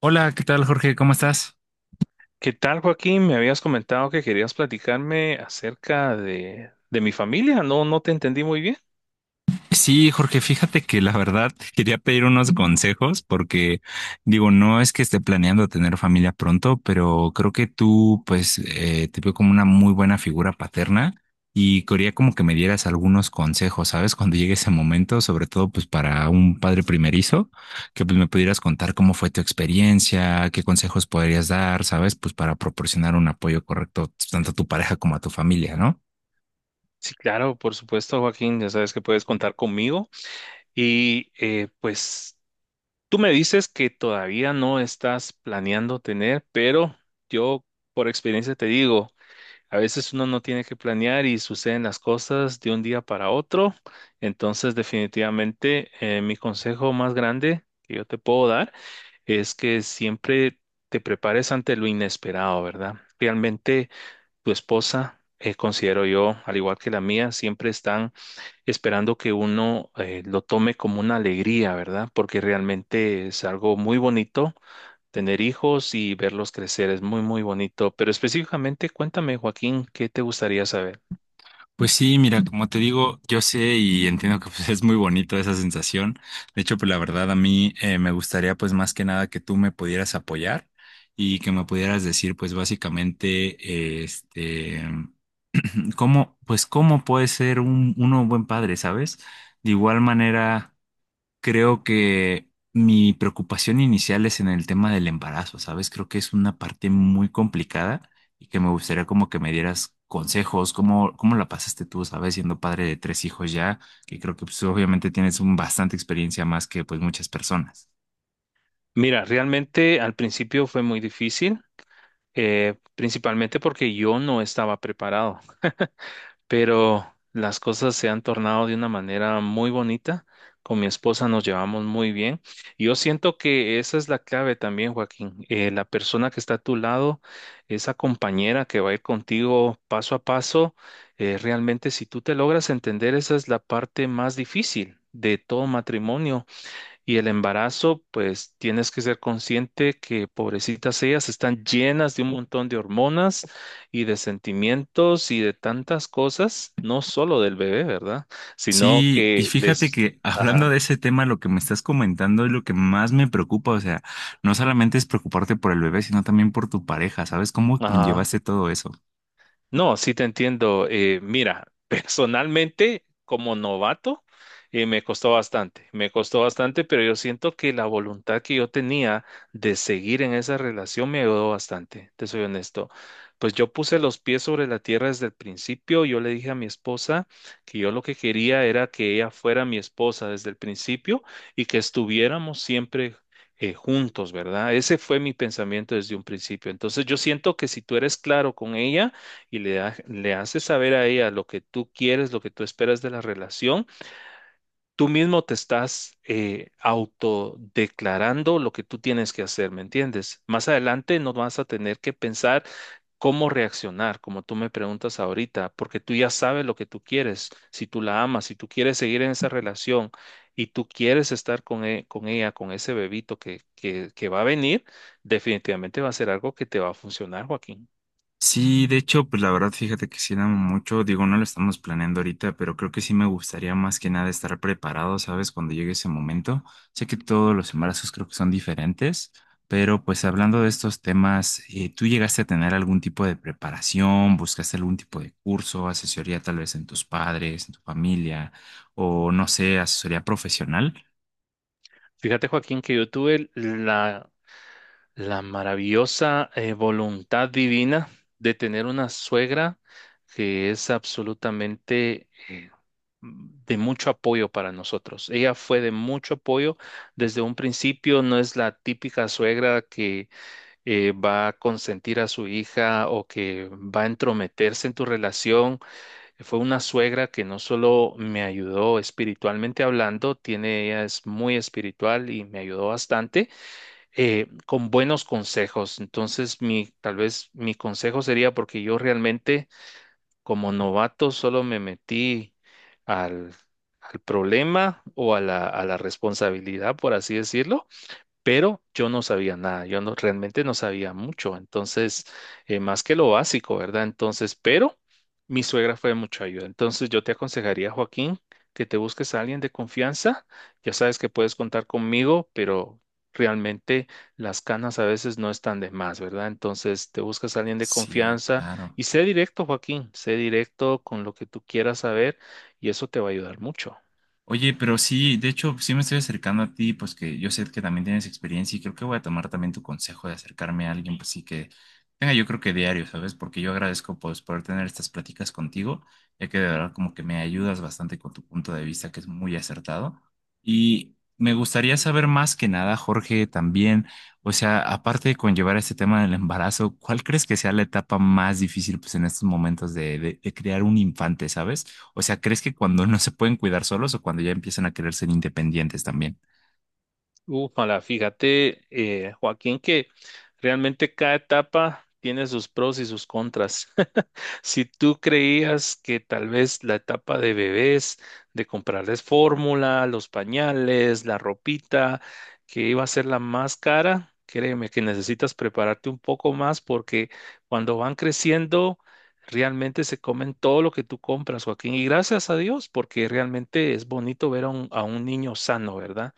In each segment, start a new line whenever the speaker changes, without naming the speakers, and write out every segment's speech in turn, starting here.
Hola, ¿qué tal, Jorge? ¿Cómo estás?
¿Qué tal, Joaquín? Me habías comentado que querías platicarme acerca de mi familia. No te entendí muy bien.
Sí, Jorge, fíjate que la verdad quería pedir unos consejos porque digo, no es que esté planeando tener familia pronto, pero creo que tú, pues, te veo como una muy buena figura paterna y quería como que me dieras algunos consejos, ¿sabes? Cuando llegue ese momento, sobre todo pues para un padre primerizo, que pues me pudieras contar cómo fue tu experiencia, qué consejos podrías dar, ¿sabes? Pues para proporcionar un apoyo correcto tanto a tu pareja como a tu familia, ¿no?
Sí, claro, por supuesto, Joaquín, ya sabes que puedes contar conmigo. Y tú me dices que todavía no estás planeando tener, pero yo por experiencia te digo. A veces uno no tiene que planear y suceden las cosas de un día para otro. Entonces, definitivamente, mi consejo más grande que yo te puedo dar es que siempre te prepares ante lo inesperado, ¿verdad? Realmente tu esposa, considero yo, al igual que la mía, siempre están esperando que uno lo tome como una alegría, ¿verdad? Porque realmente es algo muy bonito. Tener hijos y verlos crecer es muy, muy bonito, pero específicamente cuéntame, Joaquín, ¿qué te gustaría saber?
Pues sí, mira, como te digo, yo sé y entiendo que pues, es muy bonito esa sensación. De hecho, pues la verdad a mí me gustaría pues más que nada que tú me pudieras apoyar y que me pudieras decir pues básicamente eh, este cómo, pues, cómo puede ser un uno un buen padre, ¿sabes? De igual manera, creo que mi preocupación inicial es en el tema del embarazo, ¿sabes? Creo que es una parte muy complicada y que me gustaría como que me dieras consejos, cómo, cómo la pasaste tú, ¿sabes? Siendo padre de tres hijos ya, que creo que pues, obviamente tienes un bastante experiencia más que pues muchas personas.
Mira, realmente al principio fue muy difícil, principalmente porque yo no estaba preparado, pero las cosas se han tornado de una manera muy bonita. Con mi esposa nos llevamos muy bien. Yo siento que esa es la clave también, Joaquín. La persona que está a tu lado, esa compañera que va a ir contigo paso a paso, realmente si tú te logras entender, esa es la parte más difícil de todo matrimonio y el embarazo. Pues tienes que ser consciente que pobrecitas ellas están llenas de un montón de hormonas y de sentimientos y de tantas cosas, no solo del bebé, ¿verdad? Sino
Sí, y
que
fíjate
les...
que hablando
Ajá,
de ese tema, lo que me estás comentando es lo que más me preocupa, o sea, no solamente es preocuparte por el bebé, sino también por tu pareja, ¿sabes? ¿Cómo
ajá.
conllevaste todo eso?
No, sí te entiendo. Mira, personalmente, como novato, me costó bastante, pero yo siento que la voluntad que yo tenía de seguir en esa relación me ayudó bastante, te soy honesto. Pues yo puse los pies sobre la tierra desde el principio, yo le dije a mi esposa que yo lo que quería era que ella fuera mi esposa desde el principio y que estuviéramos siempre juntos, ¿verdad? Ese fue mi pensamiento desde un principio. Entonces yo siento que si tú eres claro con ella, y le haces saber a ella lo que tú quieres, lo que tú esperas de la relación, tú mismo te estás autodeclarando lo que tú tienes que hacer, ¿me entiendes? Más adelante no vas a tener que pensar cómo reaccionar, como tú me preguntas ahorita, porque tú ya sabes lo que tú quieres, si tú la amas, si tú quieres seguir en esa relación y tú quieres estar con ella, con ese bebito que va a venir, definitivamente va a ser algo que te va a funcionar, Joaquín.
Sí, de hecho, pues la verdad, fíjate que sí da mucho, digo, no lo estamos planeando ahorita, pero creo que sí me gustaría más que nada estar preparado, ¿sabes? Cuando llegue ese momento. Sé que todos los embarazos creo que son diferentes, pero pues hablando de estos temas, ¿tú llegaste a tener algún tipo de preparación? ¿Buscaste algún tipo de curso, asesoría tal vez en tus padres, en tu familia, o no sé, asesoría profesional?
Fíjate, Joaquín, que yo tuve la maravillosa voluntad divina de tener una suegra que es absolutamente de mucho apoyo para nosotros. Ella fue de mucho apoyo desde un principio, no es la típica suegra que va a consentir a su hija o que va a entrometerse en tu relación. Fue una suegra que no solo me ayudó espiritualmente hablando, tiene, ella es muy espiritual y me ayudó bastante con buenos consejos. Entonces, mi, tal vez mi consejo sería porque yo realmente como novato solo me metí al, al problema a la responsabilidad, por así decirlo, pero yo no sabía nada, yo no, realmente no sabía mucho, entonces, más que lo básico, ¿verdad? Entonces, pero mi suegra fue de mucha ayuda, entonces yo te aconsejaría, Joaquín, que te busques a alguien de confianza, ya sabes que puedes contar conmigo, pero realmente las canas a veces no están de más, ¿verdad? Entonces, te buscas a alguien de
Sí,
confianza
claro.
y sé directo, Joaquín, sé directo con lo que tú quieras saber y eso te va a ayudar mucho.
Oye, pero sí, de hecho, sí me estoy acercando a ti, pues que yo sé que también tienes experiencia y creo que voy a tomar también tu consejo de acercarme a alguien, pues sí que tenga yo creo que diario, ¿sabes? Porque yo agradezco pues poder tener estas pláticas contigo, ya que de verdad como que me ayudas bastante con tu punto de vista que es muy acertado. Y me gustaría saber más que nada, Jorge, también, o sea, aparte de conllevar este tema del embarazo, ¿cuál crees que sea la etapa más difícil pues en estos momentos de, de crear un infante, ¿sabes? O sea, ¿crees que cuando no se pueden cuidar solos o cuando ya empiezan a querer ser independientes también?
Ufala, fíjate, Joaquín, que realmente cada etapa tiene sus pros y sus contras. Si tú creías que tal vez la etapa de bebés, de comprarles fórmula, los pañales, la ropita, que iba a ser la más cara, créeme que necesitas prepararte un poco más porque cuando van creciendo, realmente se comen todo lo que tú compras, Joaquín. Y gracias a Dios, porque realmente es bonito ver a un niño sano, ¿verdad?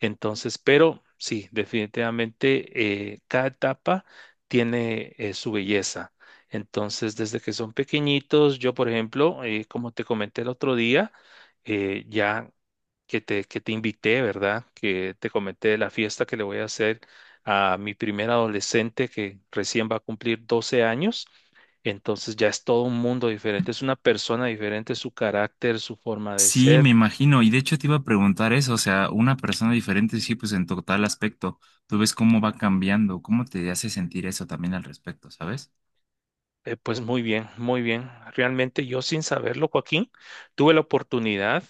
Entonces, pero sí, definitivamente cada etapa tiene su belleza. Entonces, desde que son pequeñitos, yo, por ejemplo, como te comenté el otro día, ya que que te invité, ¿verdad? Que te comenté de la fiesta que le voy a hacer a mi primer adolescente que recién va a cumplir 12 años. Entonces ya es todo un mundo diferente, es una persona diferente, su carácter, su forma de
Sí, me
ser.
imagino. Y de hecho te iba a preguntar eso, o sea, una persona diferente, sí, pues en total aspecto, tú ves cómo va cambiando, cómo te hace sentir eso también al respecto, ¿sabes?
Pues muy bien, muy bien. Realmente yo sin saberlo, Joaquín, tuve la oportunidad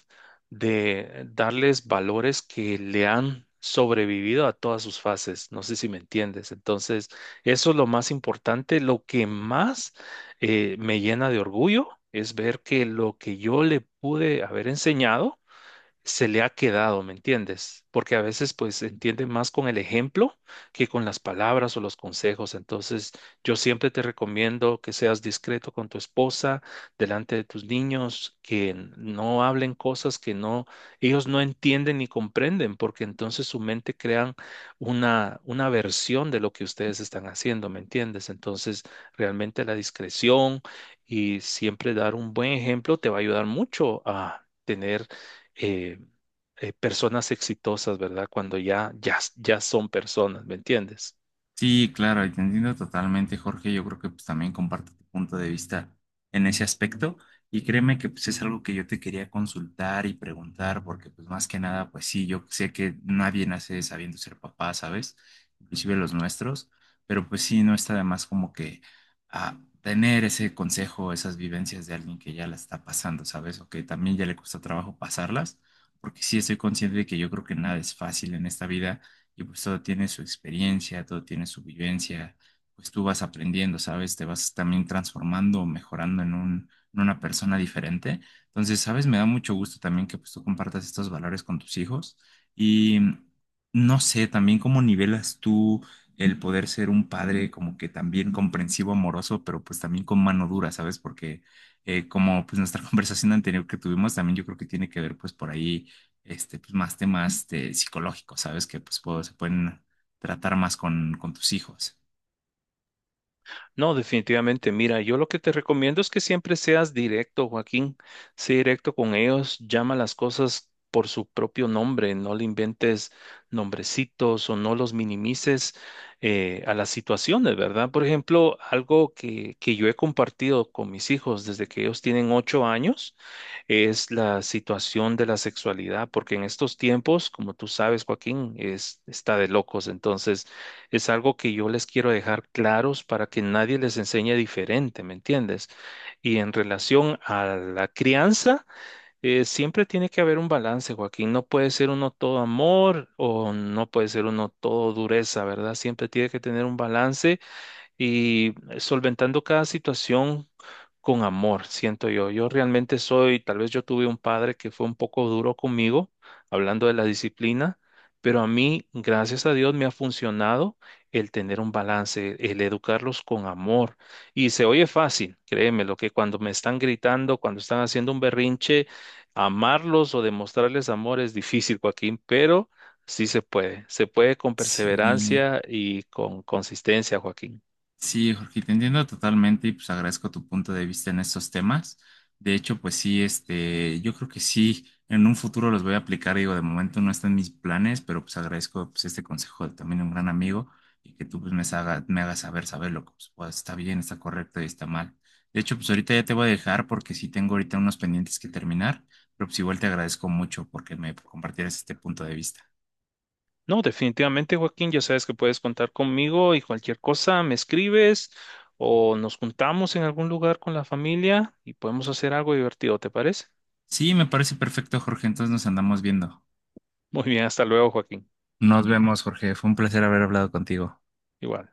de darles valores que le han sobrevivido a todas sus fases. No sé si me entiendes. Entonces, eso es lo más importante. Lo que más me llena de orgullo es ver que lo que yo le pude haber enseñado se le ha quedado, ¿me entiendes? Porque a veces pues se entiende más con el ejemplo que con las palabras o los consejos. Entonces, yo siempre te recomiendo que seas discreto con tu esposa, delante de tus niños, que no hablen cosas que ellos no entienden ni comprenden, porque entonces su mente crean una versión de lo que ustedes están haciendo, ¿me entiendes? Entonces, realmente la discreción y siempre dar un buen ejemplo te va a ayudar mucho a tener eh, personas exitosas, ¿verdad? Cuando ya son personas, ¿me entiendes?
Sí, claro, y te entiendo totalmente, Jorge. Yo creo que pues, también comparto tu punto de vista en ese aspecto. Y créeme que pues, es algo que yo te quería consultar y preguntar, porque pues más que nada, pues sí, yo sé que nadie nace sabiendo ser papá, ¿sabes? Inclusive los nuestros, pero pues sí, no está de más como que tener ese consejo, esas vivencias de alguien que ya la está pasando, ¿sabes? O que también ya le cuesta trabajo pasarlas, porque sí estoy consciente de que yo creo que nada es fácil en esta vida y pues todo tiene su experiencia, todo tiene su vivencia, pues tú vas aprendiendo, ¿sabes? Te vas también transformando, mejorando en un, en una persona diferente. Entonces, ¿sabes? Me da mucho gusto también que pues tú compartas estos valores con tus hijos y no sé, también cómo nivelas tú el poder ser un padre como que también comprensivo, amoroso, pero pues también con mano dura, ¿sabes? Porque como pues nuestra conversación anterior que tuvimos, también yo creo que tiene que ver pues por ahí pues, más temas de psicológicos, ¿sabes? Que pues se pueden tratar más con tus hijos.
No, definitivamente. Mira, yo lo que te recomiendo es que siempre seas directo, Joaquín. Sé directo con ellos, llama las cosas por su propio nombre, no le inventes nombrecitos o no los minimices a las situaciones, ¿verdad? Por ejemplo, algo que yo he compartido con mis hijos desde que ellos tienen 8 años es la situación de la sexualidad, porque en estos tiempos, como tú sabes, Joaquín, es, está de locos. Entonces, es algo que yo les quiero dejar claros para que nadie les enseñe diferente, ¿me entiendes? Y en relación a la crianza, siempre tiene que haber un balance, Joaquín. No puede ser uno todo amor o no puede ser uno todo dureza, ¿verdad? Siempre tiene que tener un balance y solventando cada situación con amor, siento yo. Yo realmente soy, tal vez yo tuve un padre que fue un poco duro conmigo, hablando de la disciplina, pero a mí, gracias a Dios, me ha funcionado el tener un balance, el educarlos con amor. Y se oye fácil, créeme, lo que cuando me están gritando, cuando están haciendo un berrinche, amarlos o demostrarles amor es difícil, Joaquín, pero sí se puede con
Sí.
perseverancia y con consistencia, Joaquín.
Sí, Jorge, te entiendo totalmente y pues agradezco tu punto de vista en estos temas. De hecho, pues sí, yo creo que sí, en un futuro los voy a aplicar. Digo, de momento no están mis planes, pero pues agradezco pues este consejo de también un gran amigo y que tú pues me hagas saber, saber lo que pues, pues, está bien, está correcto y está mal. De hecho, pues ahorita ya te voy a dejar porque sí tengo ahorita unos pendientes que terminar, pero pues igual te agradezco mucho porque me compartieras este punto de vista.
No, definitivamente, Joaquín, ya sabes que puedes contar conmigo y cualquier cosa me escribes o nos juntamos en algún lugar con la familia y podemos hacer algo divertido, ¿te parece?
Sí, me parece perfecto, Jorge, entonces nos andamos viendo.
Muy bien, hasta luego, Joaquín.
Nos vemos, Jorge. Fue un placer haber hablado contigo.
Igual.